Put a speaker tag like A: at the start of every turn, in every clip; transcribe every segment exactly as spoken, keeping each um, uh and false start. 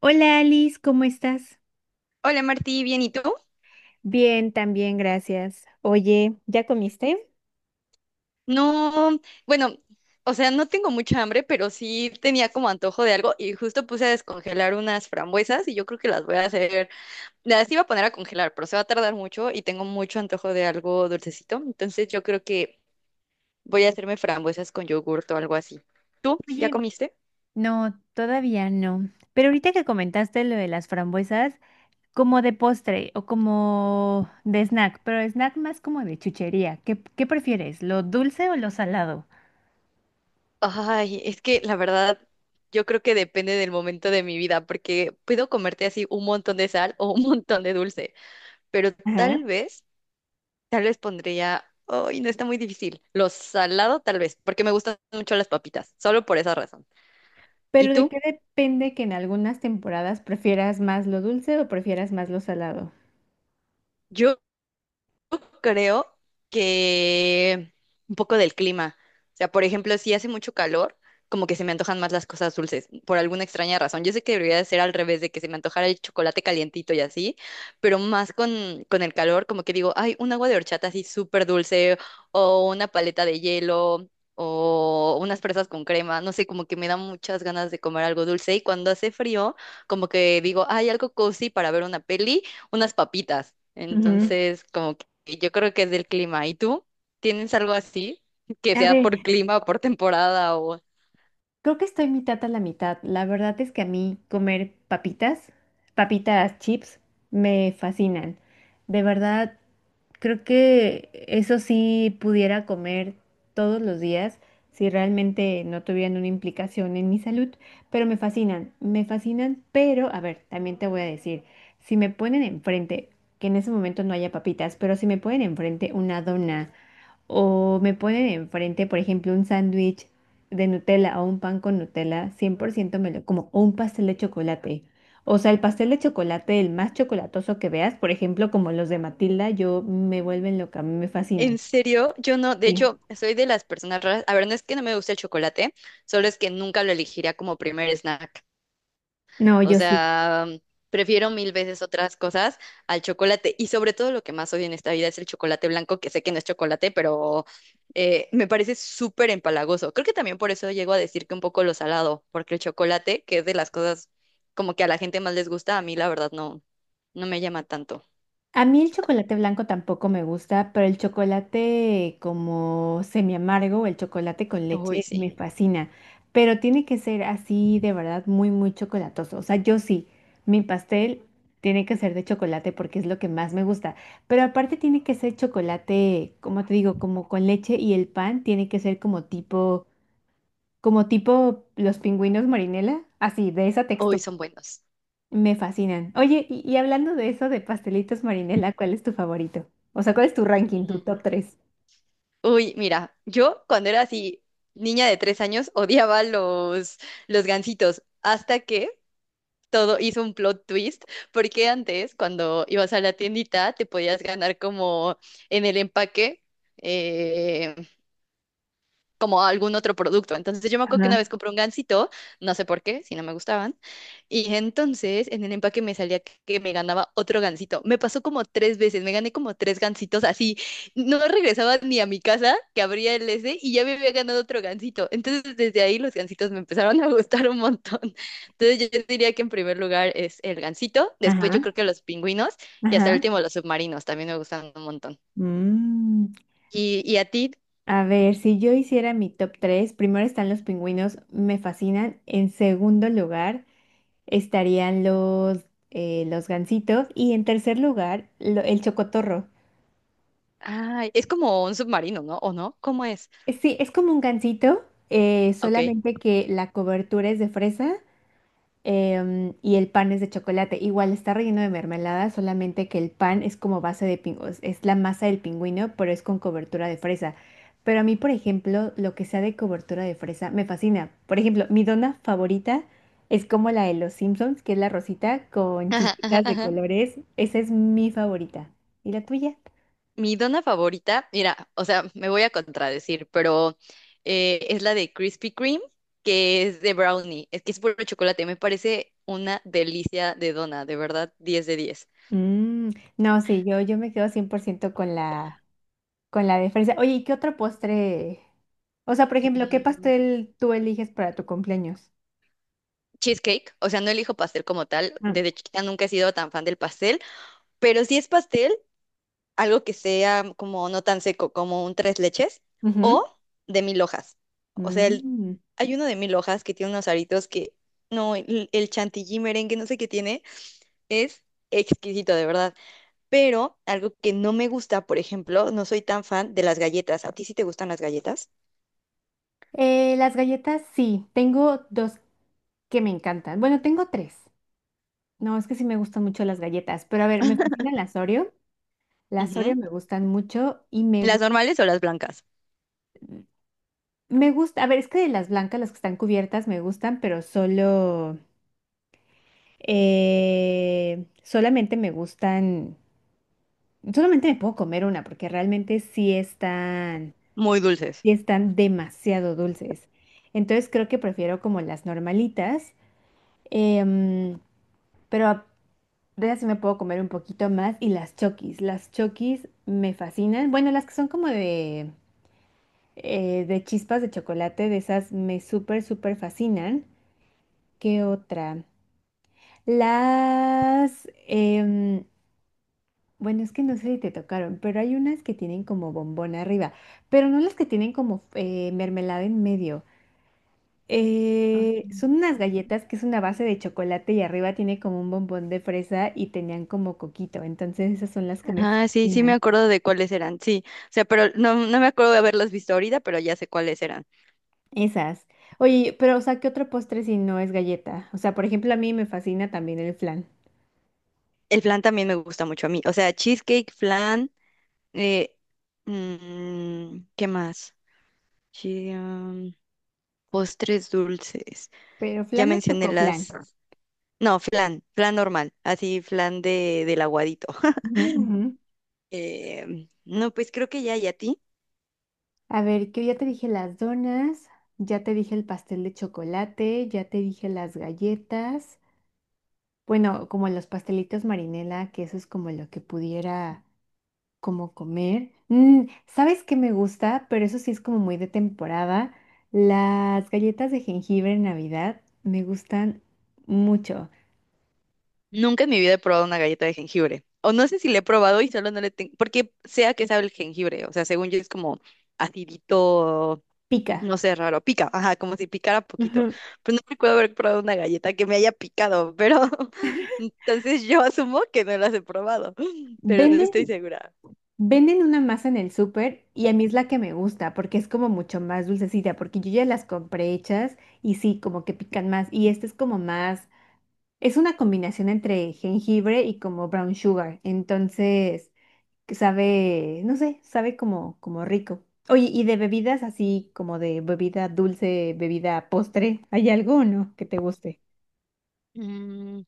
A: Hola Alice, ¿cómo estás?
B: Hola Martí, bien, ¿y tú?
A: Bien, también, gracias. Oye, ¿ya comiste?
B: No, bueno, o sea, no tengo mucha hambre, pero sí tenía como antojo de algo y justo puse a descongelar unas frambuesas y yo creo que las voy a hacer, las iba a poner a congelar, pero se va a tardar mucho y tengo mucho antojo de algo dulcecito, entonces yo creo que voy a hacerme frambuesas con yogurt o algo así. ¿Tú ya
A: Oye,
B: comiste?
A: no, todavía no. Pero ahorita que comentaste lo de las frambuesas, como de postre o como de snack, pero snack más como de chuchería. ¿Qué, qué prefieres, lo dulce o lo salado?
B: Ay, es que la verdad, yo creo que depende del momento de mi vida, porque puedo comerte así un montón de sal o un montón de dulce, pero
A: Ajá.
B: tal vez... Tal vez pondría, ay, no está muy difícil. Lo salado, tal vez, porque me gustan mucho las papitas, solo por esa razón. ¿Y
A: Pero ¿de qué
B: tú?
A: depende que en algunas temporadas prefieras más lo dulce o prefieras más lo salado?
B: Yo creo que un poco del clima. O sea, por ejemplo, si hace mucho calor, como que se me antojan más las cosas dulces, por alguna extraña razón. Yo sé que debería de ser al revés, de que se me antojara el chocolate calientito y así, pero más con, con el calor, como que digo, ay, un agua de horchata así súper dulce, o una paleta de hielo, o unas fresas con crema, no sé, como que me dan muchas ganas de comer algo dulce. Y cuando hace frío, como que digo, ay, algo cozy para ver una peli, unas papitas.
A: Ujú.
B: Entonces, como y Yo creo que es del clima. ¿Y tú? ¿Tienes algo así? Que
A: A
B: sea
A: ver,
B: por clima o por temporada o...
A: creo que estoy mitad a la mitad. La verdad es que a mí comer papitas, papitas chips, me fascinan. De verdad, creo que eso sí pudiera comer todos los días si realmente no tuvieran una implicación en mi salud, pero me fascinan, me fascinan, pero a ver, también te voy a decir, si me ponen enfrente, que en ese momento no haya papitas, pero si me ponen enfrente una dona, o me ponen enfrente, por ejemplo, un sándwich de Nutella o un pan con Nutella, cien por ciento me lo como, o un pastel de chocolate. O sea, el pastel de chocolate, el más chocolatoso que veas, por ejemplo, como los de Matilda, yo me vuelven loca, me
B: En
A: fascinan.
B: serio, yo no, de
A: Sí.
B: hecho, soy de las personas raras. A ver, no es que no me guste el chocolate, solo es que nunca lo elegiría como primer snack.
A: No,
B: O
A: yo sí.
B: sea, prefiero mil veces otras cosas al chocolate. Y sobre todo lo que más odio en esta vida es el chocolate blanco, que sé que no es chocolate, pero eh, me parece súper empalagoso. Creo que también por eso llego a decir que un poco lo salado, porque el chocolate, que es de las cosas como que a la gente más les gusta, a mí la verdad no, no me llama tanto.
A: A mí el chocolate blanco tampoco me gusta, pero el chocolate como semi amargo, el chocolate con
B: Uy,
A: leche me
B: sí.
A: fascina, pero tiene que ser así de verdad muy muy chocolatoso. O sea, yo sí, mi pastel tiene que ser de chocolate porque es lo que más me gusta, pero aparte tiene que ser chocolate, como te digo, como con leche y el pan tiene que ser como tipo como tipo los pingüinos marinela, así de esa
B: Uy,
A: textura.
B: son buenos.
A: Me fascinan. Oye, y, y hablando de eso de pastelitos Marinela, ¿cuál es tu favorito? O sea, ¿cuál es tu ranking, tu
B: Mm,
A: top tres?
B: uy, mira, yo cuando era así, niña de tres años, odiaba los, los gansitos, hasta que todo hizo un plot twist, porque antes cuando ibas a la tiendita te podías ganar como en el empaque eh, como algún otro producto. Entonces yo me acuerdo que una
A: Ajá,
B: vez compré un gansito, no sé por qué, si no me gustaban, y entonces en el empaque me salía que que me ganaba otro gansito. Me pasó como tres veces, me gané como tres gansitos así. No regresaba ni a mi casa, que abría el ese, y ya me había ganado otro gansito. Entonces desde ahí los gansitos me empezaron a gustar un montón. Entonces yo diría que en primer lugar es el gansito, después yo
A: ajá,
B: creo que los pingüinos y hasta
A: ajá.
B: el último los submarinos también me gustan un montón.
A: Mm,
B: ¿Y, y a ti?
A: a ver, si yo hiciera mi top tres, primero están los pingüinos, me fascinan. En segundo lugar estarían los, eh, los gansitos. Y en tercer lugar, lo- el chocotorro.
B: Ah, es como un submarino, ¿no? ¿O no? ¿Cómo es?
A: Eh, Sí, es como un gansito, eh,
B: Ok.
A: solamente que la cobertura es de fresa em, y el pan es de chocolate. Igual está relleno de mermelada, solamente que el pan es como base de pingüinos, es la masa del pingüino, pero es con cobertura de fresa. Pero a mí, por ejemplo, lo que sea de cobertura de fresa me fascina. Por ejemplo, mi dona favorita es como la de los Simpsons, que es la rosita con
B: Ajá, ajá,
A: chispitas de
B: ajá.
A: colores. Esa es mi favorita. ¿Y la tuya?
B: Mi dona favorita, mira, o sea, me voy a contradecir, pero eh, es la de Krispy Kreme, que es de brownie. Es que es puro chocolate. Me parece una delicia de dona, de verdad, diez de diez.
A: Mm, no, sí, yo, yo me quedo cien por ciento con la, con la de fresa. Oye, ¿y qué otro postre? O sea, por ejemplo, ¿qué
B: Eh,
A: pastel tú eliges para tu cumpleaños?
B: Cheesecake, o sea, no elijo pastel como tal.
A: Mm.
B: Desde chiquita nunca he sido tan fan del pastel, pero si es pastel, algo que sea como no tan seco, como un tres leches
A: Ujú.
B: o de mil hojas. O sea, el-
A: Mm.
B: hay uno de mil hojas que tiene unos aritos que, no, el, el chantilly merengue, no sé qué tiene, es exquisito, de verdad. Pero algo que no me gusta, por ejemplo, no soy tan fan de las galletas. ¿A ti sí te gustan las galletas?
A: Eh, las galletas, sí, tengo dos que me encantan. Bueno, tengo tres. No, es que sí me gustan mucho las galletas, pero a ver, me fascinan las Oreo. Las Oreo
B: Ujú.
A: me gustan mucho y me,
B: ¿Las
A: gu-
B: normales o las blancas?
A: me gusta, a ver, es que de las blancas, las que están cubiertas, me gustan, pero solo, eh, solamente me gustan Solamente me puedo comer una porque realmente sí están,
B: Muy dulces.
A: sí están demasiado dulces. Entonces creo que prefiero como las normalitas, em, pero a- de esas sí me puedo comer un poquito más y las chokis. Las chokis me fascinan. Bueno, las que son como de, eh, de chispas de chocolate, de esas me súper, súper fascinan. ¿Qué otra? Las... em, Bueno, es que no sé si te tocaron, pero hay unas que tienen como bombón arriba, pero no las que tienen como eh, mermelada en medio. Eh, son unas galletas que es una base de chocolate y arriba tiene como un bombón de fresa y tenían como coquito. Entonces esas son las que me
B: Ah, sí, sí me
A: fascinan.
B: acuerdo de cuáles eran, sí. O sea, pero no, no me acuerdo de haberlas visto ahorita, pero ya sé cuáles eran.
A: Esas. Oye, pero o sea, ¿qué otro postre si no es galleta? O sea, por ejemplo, a mí me fascina también el flan,
B: El flan también me gusta mucho a mí. O sea, cheesecake, flan, eh, mm, ¿qué más? Chi- um, Postres dulces.
A: pero
B: Ya
A: flan o
B: mencioné
A: chocoflan.
B: las... No, flan, flan normal, así flan de, del aguadito.
A: Ujú, ujú.
B: Eh, no, pues creo que ya, ¿y a ti?
A: A ver, que ya te dije las donas, ya te dije el pastel de chocolate, ya te dije las galletas, bueno, como los pastelitos marinela, que eso es como lo que pudiera como comer. Mm, ¿sabes qué me gusta? Pero eso sí es como muy de temporada. Las galletas de jengibre en Navidad me gustan mucho.
B: Nunca en mi vida he probado una galleta de jengibre. O no sé si le he probado y solo no le tengo... Porque sea que sabe el jengibre, o sea, según yo es como acidito.
A: Pica.
B: No sé, raro, pica, ajá, como si picara poquito.
A: Ujú. Sí.
B: Pues no recuerdo haber probado una galleta que me haya picado, pero entonces yo asumo que no las he probado, pero no estoy
A: Venden
B: segura.
A: Venden una masa en el súper y a mí es la que me gusta porque es como mucho más dulcecita, porque yo ya las compré hechas y sí, como que pican más. Y este es como más, es una combinación entre jengibre y como brown sugar. Entonces, que sabe, no sé, sabe como, como rico. Oye, y de bebidas así como de bebida dulce, bebida postre, ¿hay algo o no que te guste?
B: Mm,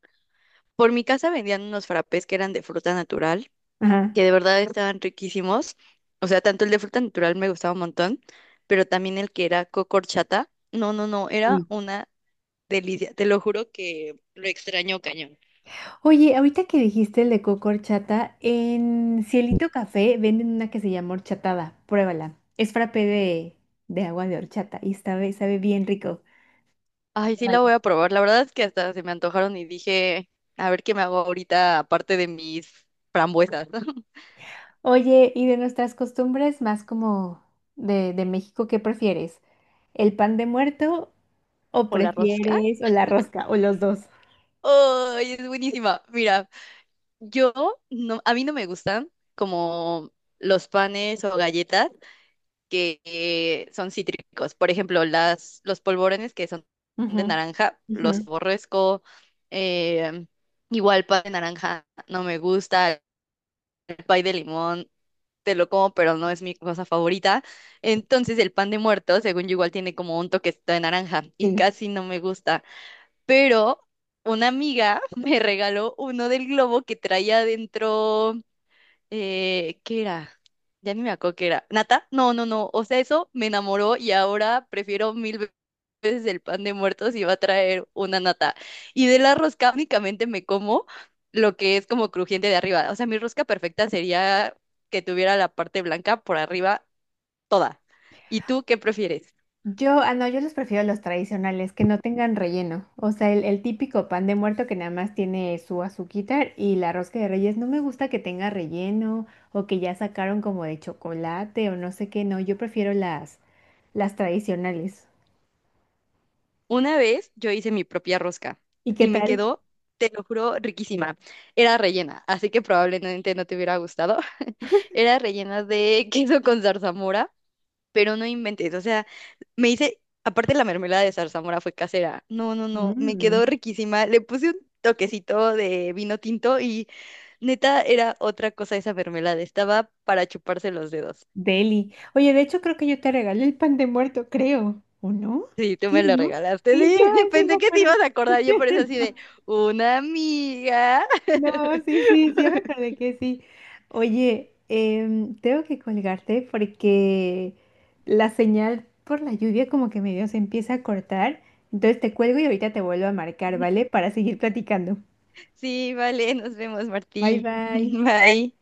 B: por mi casa vendían unos frappés que eran de fruta natural,
A: Ajá.
B: que de verdad estaban riquísimos. O sea, tanto el de fruta natural me gustaba un montón, pero también el que era cocorchata. No, no, no, era
A: Uy.
B: una delicia. Te lo juro que lo extraño cañón.
A: Oye, ahorita que dijiste el de coco horchata, en Cielito Café venden una que se llama horchatada. Pruébala. Es frappé de, de agua de horchata y sabe, sabe bien rico.
B: Ay, sí la
A: Pruébala.
B: voy a probar. La verdad es que hasta se me antojaron y dije, a ver qué me hago ahorita aparte de mis frambuesas.
A: Oye, y de nuestras costumbres más como de, de México, ¿qué prefieres? ¿El pan de muerto o
B: O la rosca.
A: prefieres o la rosca o los dos?
B: Ay, es buenísima. Mira, yo no, a mí no me gustan como los panes o galletas que eh, son cítricos. Por ejemplo, las, los polvorones que son
A: Ujú,
B: de naranja,
A: ujú.
B: los aborrezco. Eh, igual pay de naranja no me gusta, el pay de limón te lo como, pero no es mi cosa favorita. Entonces el pan de muerto, según yo, igual tiene como un toquecito de naranja y
A: Sí.
B: casi no me gusta. Pero una amiga me regaló uno del globo que traía adentro eh, ¿qué era? Ya ni me acuerdo qué era. ¿Nata? No, no, no. O sea, eso me enamoró y ahora prefiero mil ve- veces el pan de muertos y va a traer una nata. Y de la rosca únicamente me como lo que es como crujiente de arriba. O sea, mi rosca perfecta sería que tuviera la parte blanca por arriba toda. ¿Y tú qué prefieres?
A: Yo, ah, no, yo los prefiero los tradicionales, que no tengan relleno. O sea, el, el típico pan de muerto que nada más tiene su azuquita y la rosca de reyes. No me gusta que tenga relleno o que ya sacaron como de chocolate o no sé qué. No, yo prefiero las, las tradicionales.
B: Una vez yo hice mi propia rosca
A: ¿Y qué
B: y me
A: tal?
B: quedó, te lo juro, riquísima. Era rellena, así que probablemente no te hubiera gustado. Era rellena de queso con zarzamora, pero no inventes, o sea, me hice, aparte la mermelada de zarzamora fue casera. No, no, no, me quedó
A: Mm.
B: riquísima. Le puse un toquecito de vino tinto y neta era otra cosa esa mermelada, estaba para chuparse los dedos.
A: Deli. Oye, de hecho creo que yo te regalé el pan de muerto, creo. ¿O no?
B: Sí, tú me
A: Sí,
B: lo
A: ¿no?
B: regalaste,
A: Sí,
B: sí.
A: yo así me
B: Pensé que te ibas
A: acuerdo.
B: a acordar, yo por eso así de una amiga.
A: No, sí, sí, sí me acordé que sí. Oye, em, tengo que colgarte porque la señal por la lluvia como que medio se empieza a cortar. Entonces te cuelgo y ahorita te vuelvo a marcar, ¿vale? Para seguir platicando.
B: Sí, vale, nos vemos,
A: Bye,
B: Martí.
A: bye.
B: Bye.